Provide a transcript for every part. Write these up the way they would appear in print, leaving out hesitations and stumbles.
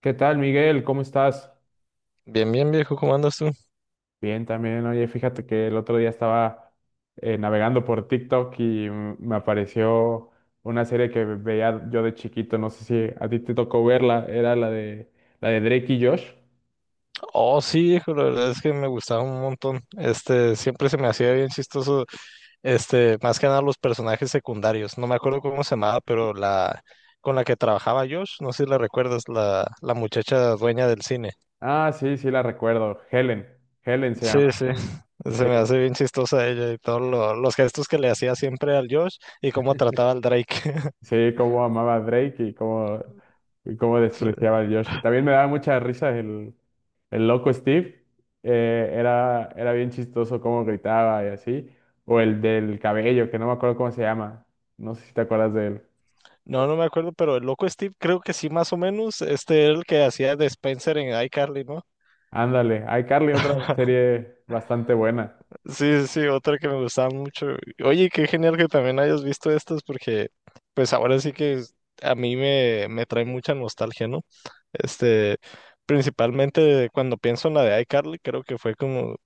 ¿Qué tal, Miguel? ¿Cómo estás? Bien, bien, viejo, ¿cómo andas tú? Bien, también. Oye, fíjate que el otro día estaba navegando por TikTok y me apareció una serie que veía yo de chiquito. No sé si a ti te tocó verla. Era la de Drake y Josh. Oh, sí, viejo, la verdad es que me gustaba un montón. Siempre se me hacía bien chistoso, más que nada los personajes secundarios. No me acuerdo cómo se llamaba, pero la con la que trabajaba Josh, no sé si la recuerdas, la muchacha dueña del cine. Ah, sí, sí la recuerdo. Helen. Helen se Sí, llama. sí. Se Sí. me hace bien chistosa ella y todos los gestos que le hacía siempre al Josh y cómo trataba al Drake. Sí, cómo amaba a Drake y cómo Sí. despreciaba a Josh. También me daba mucha risa el loco Steve. Era bien chistoso cómo gritaba y así. O el del cabello, que no me acuerdo cómo se llama. No sé si te acuerdas de él. No, no me acuerdo, pero el loco Steve creo que sí, más o menos, este era el que hacía de Spencer en iCarly, ¿no? Ándale, iCarly, otra serie bastante buena. Sí, sí, sí, otra que me gustaba mucho. Oye, qué genial que también hayas visto estas porque pues ahora sí que a mí me trae mucha nostalgia, ¿no? Este, principalmente cuando pienso en la de iCarly, creo que fue como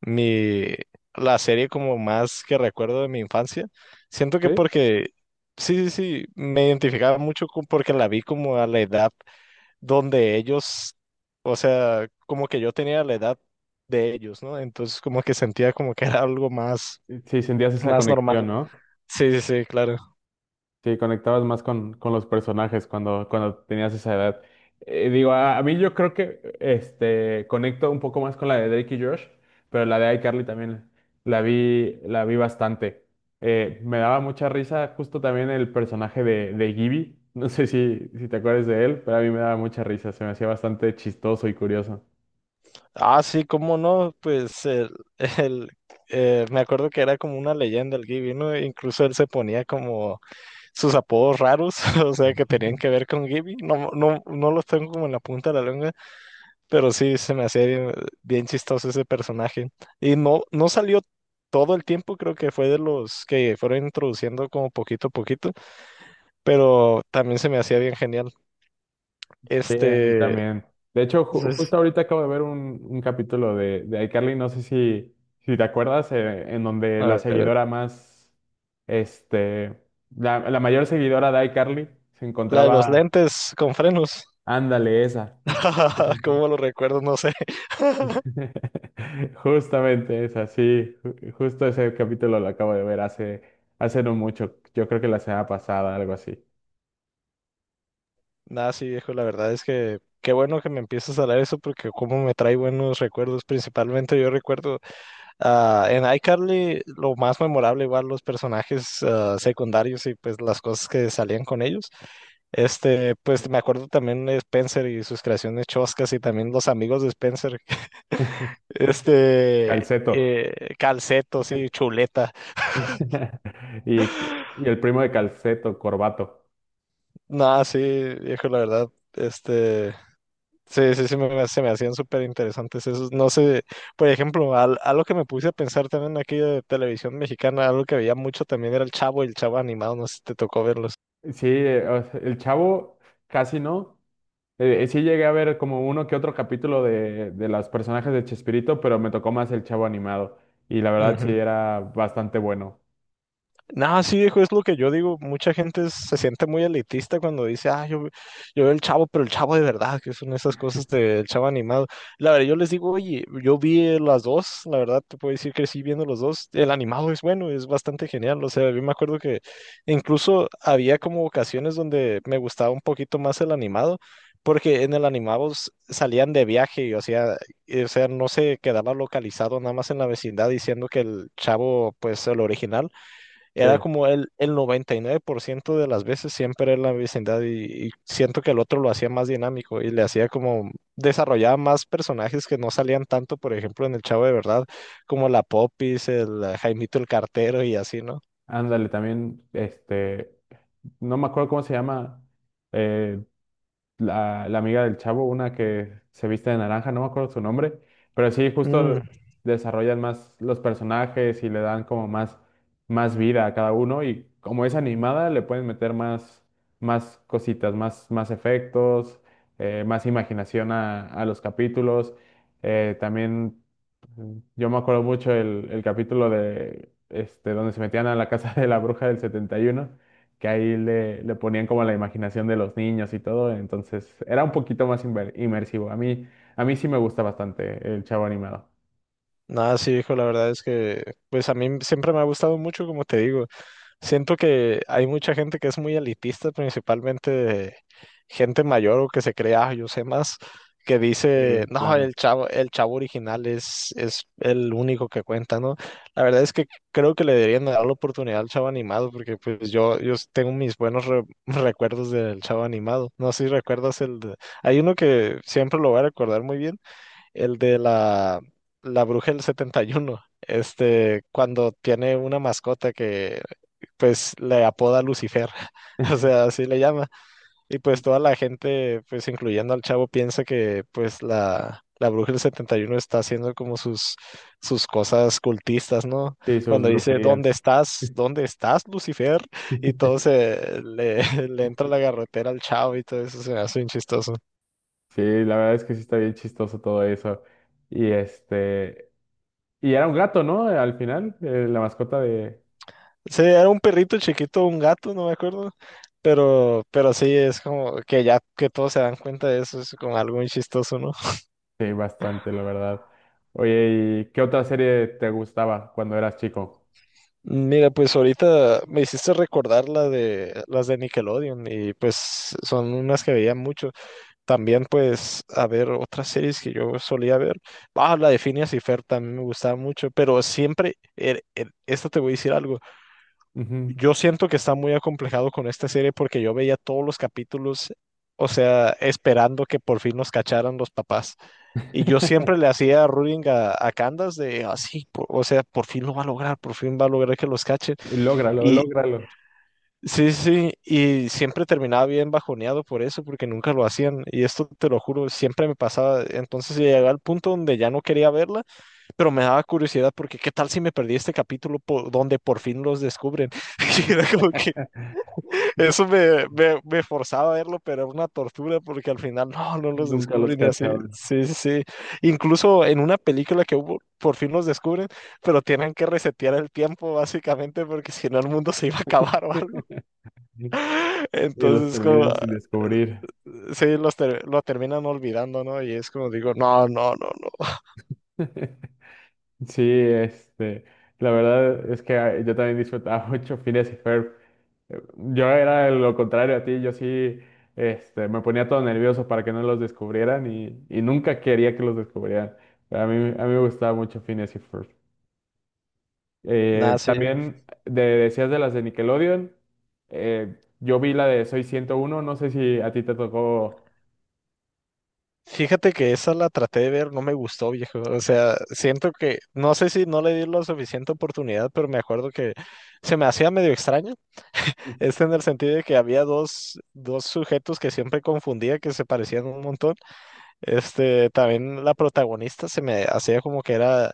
mi, la serie como más que recuerdo de mi infancia. Siento ¿Sí? que porque, sí, sí, sí, me identificaba mucho porque la vi como a la edad donde ellos, o sea, como que yo tenía la edad de ellos, ¿no? Entonces como que sentía como que era algo Sí, sentías esa más conexión, normal. ¿no? Sí, sí, sí, claro. Sí, conectabas más con los personajes cuando tenías esa edad. Digo, a mí yo creo que conecto un poco más con la de Drake y Josh, pero la de iCarly también la vi bastante. Me daba mucha risa justo también el personaje de Gibby. No sé si te acuerdas de él, pero a mí me daba mucha risa. Se me hacía bastante chistoso y curioso. Ah, sí, cómo no, pues el, me acuerdo que era como una leyenda el Gibby, ¿no? Incluso él se ponía como sus apodos raros, o sea, que tenían que ver con Gibby. No, no, no los tengo como en la punta de la lengua. Pero sí, se me hacía bien, bien chistoso ese personaje. Y no, no salió todo el tiempo, creo que fue de los que fueron introduciendo como poquito a poquito, pero también se me hacía bien genial. Sí, a mí Este, también. De hecho, entonces, justo ahorita acabo de ver un capítulo de iCarly, no sé si te acuerdas, en donde a ver, este, la la mayor seguidora de iCarly se la de los encontraba, lentes con frenos. ándale, esa. ¿Cómo lo recuerdo? No sé. Justamente esa, sí, justo ese capítulo lo acabo de ver hace no mucho, yo creo que la semana pasada, algo así. Nada, sí, viejo, la verdad es que qué bueno que me empiezas a hablar eso porque como me trae buenos recuerdos, principalmente yo recuerdo. En iCarly lo más memorable, igual los personajes secundarios y pues las cosas que salían con ellos. Pues me acuerdo también de Spencer y sus creaciones choscas y también los amigos de Spencer. Este, Calceto. Calceto, sí, Chuleta. Y, y el primo de Calceto, Corbato. No, sí, viejo, la verdad, este, sí, sí, sí, se me hacían súper interesantes esos. No sé, por ejemplo, algo que me puse a pensar también aquí de televisión mexicana, algo que veía mucho también era el Chavo y el Chavo animado, no sé si te tocó verlos. Sí, o sea, el chavo casi no. Sí llegué a ver como uno que otro capítulo de los personajes de Chespirito, pero me tocó más el chavo animado. Y la verdad sí Ujú. era bastante bueno. Nada, sí, viejo, es lo que yo digo. Mucha gente se siente muy elitista cuando dice, yo veo el Chavo, pero el Chavo de verdad, que son esas cosas del Chavo animado. La verdad, yo les digo, oye, yo vi las dos, la verdad, te puedo decir que sí, viendo los dos. El animado es bueno, es bastante genial. O sea, yo me acuerdo que incluso había como ocasiones donde me gustaba un poquito más el animado, porque en el animado salían de viaje, y, o sea, no se quedaba localizado nada más en la vecindad, diciendo que el Chavo, pues, el original Sí, era como el 99% de las veces siempre en la vecindad, y siento que el otro lo hacía más dinámico y le hacía como desarrollaba más personajes que no salían tanto, por ejemplo, en El Chavo de Verdad, como la Popis, el Jaimito el Cartero y así, ¿no? ándale, también, no me acuerdo cómo se llama. eh, la amiga del chavo, una que se viste de naranja, no me acuerdo su nombre, pero sí, Mm. justo desarrollan más los personajes y le dan como más vida a cada uno y como es animada le pueden meter más cositas, más efectos, más imaginación a los capítulos. También yo me acuerdo mucho el capítulo de donde se metían a la casa de la bruja del 71, que ahí le ponían como la imaginación de los niños y todo, entonces era un poquito más inmersivo. A mí sí me gusta bastante el Chavo Animado. Nada, sí, hijo, la verdad es que, pues a mí siempre me ha gustado mucho, como te digo. Siento que hay mucha gente que es muy elitista, principalmente de gente mayor, o que se crea: "Ah, yo sé más", que dice, Sí, no, claro. el chavo original es el único que cuenta, ¿no? La verdad es que creo que le deberían dar la oportunidad al chavo animado, porque pues yo tengo mis buenos recuerdos del chavo animado. No sé si recuerdas. Hay uno que siempre lo voy a recordar muy bien, el de la, bruja del setenta y uno, cuando tiene una mascota que pues le apoda Lucifer, o sea, así le llama, y pues toda la gente, pues incluyendo al chavo, piensa que pues la bruja del 71 está haciendo como sus cosas cultistas, ¿no? Sí, sus Cuando dice: ¿dónde brujerías. estás? ¿Dónde estás, Lucifer? Y todo le entra la garrotera al chavo, y todo eso se me hace bien chistoso. Sí, la verdad es que sí está bien chistoso todo eso. Y este, y era un gato, ¿no? Al final, la mascota de... Sí, era un perrito chiquito, un gato, no me acuerdo. Pero sí, es como que ya que todos se dan cuenta de eso, es como algo muy chistoso, ¿no? Sí, bastante, la verdad. Oye, ¿y qué otra serie te gustaba cuando eras chico? Mira, pues ahorita me hiciste recordar la de las de Nickelodeon y pues son unas que veía mucho. También pues a ver otras series que yo solía ver. Ah, la de Phineas y Fer también me gustaba mucho, pero siempre, esto te voy a decir algo. Ujú. Yo siento que está muy acomplejado con esta serie porque yo veía todos los capítulos, o sea, esperando que por fin nos cacharan los papás. Y yo siempre le hacía ruling a Candace de así, o sea, por fin lo va a lograr, por fin va a lograr que los cachen. Lógralo, Y lógralo. sí, sí, sí, y siempre terminaba bien bajoneado por eso, porque nunca lo hacían. Y esto te lo juro, siempre me pasaba. Entonces llegaba al punto donde ya no quería verla, pero me daba curiosidad porque qué tal si me perdí este capítulo donde por fin los descubren. Y era como que eso me forzaba a verlo, pero era una tortura porque al final no, no los Nunca los descubren y así. cachaba. Sí, sí, sí. Incluso en una película que hubo, por fin los descubren, pero tienen que resetear el tiempo básicamente, porque si no el mundo se iba a acabar o algo. Y los Entonces, como, terminan sin descubrir. sí, lo terminan olvidando, ¿no? Y es como digo, no, no, no, no. Sí, este, la verdad es que ah, yo también disfrutaba mucho Phineas y Ferb. Eh, Yo era lo contrario a ti, yo sí, me ponía todo nervioso para que no los descubrieran y nunca quería que los descubrieran. A mí me gustaba mucho Phineas y Ferb. Nada, sí. También decías de las de Nickelodeon, yo vi la de Soy 101, no sé si a ti te tocó. Fíjate que esa la traté de ver, no me gustó, viejo. O sea, siento que, no sé si no le di la suficiente oportunidad, pero me acuerdo que se me hacía medio extraño. En el sentido de que había dos sujetos que siempre confundía, que se parecían un montón. También la protagonista se me hacía como que era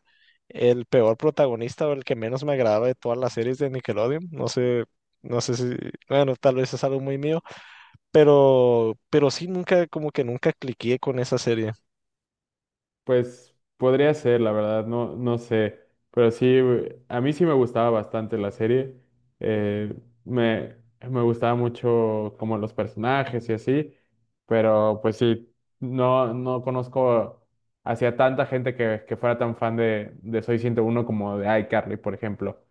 el peor protagonista o el que menos me agradaba de todas las series de Nickelodeon. No sé si, bueno, tal vez es algo muy mío, pero sí nunca, como que nunca cliqué con esa serie. Pues podría ser, la verdad, no, no sé, pero sí, a mí sí me gustaba bastante la serie. eh, me, me gustaba mucho como los personajes y así, pero pues sí, no, no conozco hacia tanta gente que fuera tan fan de Soy 101 como de iCarly, por ejemplo.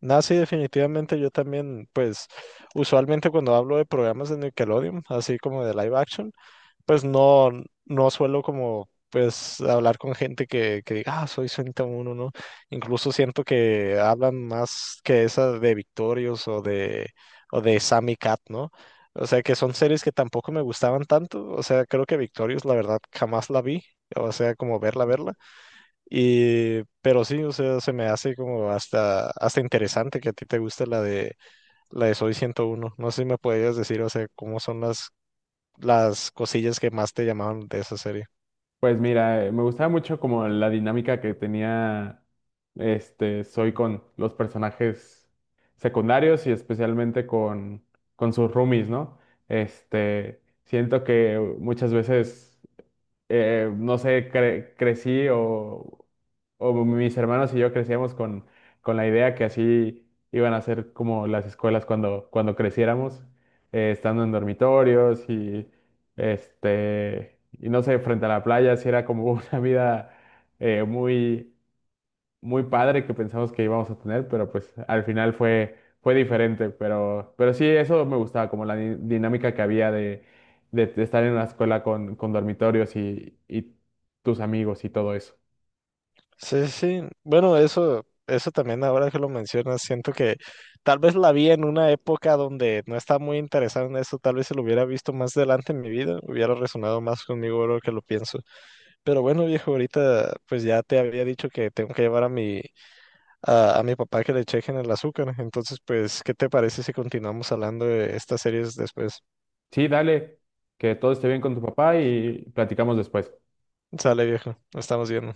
Nada, sí, definitivamente yo también, pues usualmente cuando hablo de programas de Nickelodeon, así como de live action, pues no, no suelo como pues hablar con gente que diga, soy Sonic 1, ¿no? Incluso siento que hablan más que esa de Victorious o o de Sammy Cat, ¿no? O sea, que son series que tampoco me gustaban tanto, o sea, creo que Victorious la verdad jamás la vi, o sea, como verla, verla. Y, pero sí, o sea, se me hace como hasta interesante que a ti te guste la de Soy 101. No sé si me podrías decir, o sea, cómo son las cosillas que más te llamaban de esa serie. Pues mira, me gustaba mucho como la dinámica que tenía este Soy con los personajes secundarios y especialmente con sus roomies, ¿no? Este, siento que muchas veces no sé, crecí o mis hermanos y yo crecíamos con la idea que así iban a ser como las escuelas cuando creciéramos, estando en dormitorios y y no sé, frente a la playa, sí era como una vida muy muy padre que pensamos que íbamos a tener, pero pues al final fue diferente. Pero sí, eso me gustaba, como la dinámica que había de estar en la escuela con dormitorios y tus amigos y todo eso. Sí, sí. Bueno, eso también ahora que lo mencionas, siento que tal vez la vi en una época donde no estaba muy interesado en eso, tal vez se lo hubiera visto más adelante en mi vida, hubiera resonado más conmigo ahora que lo pienso. Pero bueno, viejo, ahorita pues ya te había dicho que tengo que llevar a mi papá, que le chequen el azúcar. Entonces, pues, ¿qué te parece si continuamos hablando de estas series después? Sí, dale, que todo esté bien con tu papá y platicamos después. Sale, viejo, nos estamos viendo.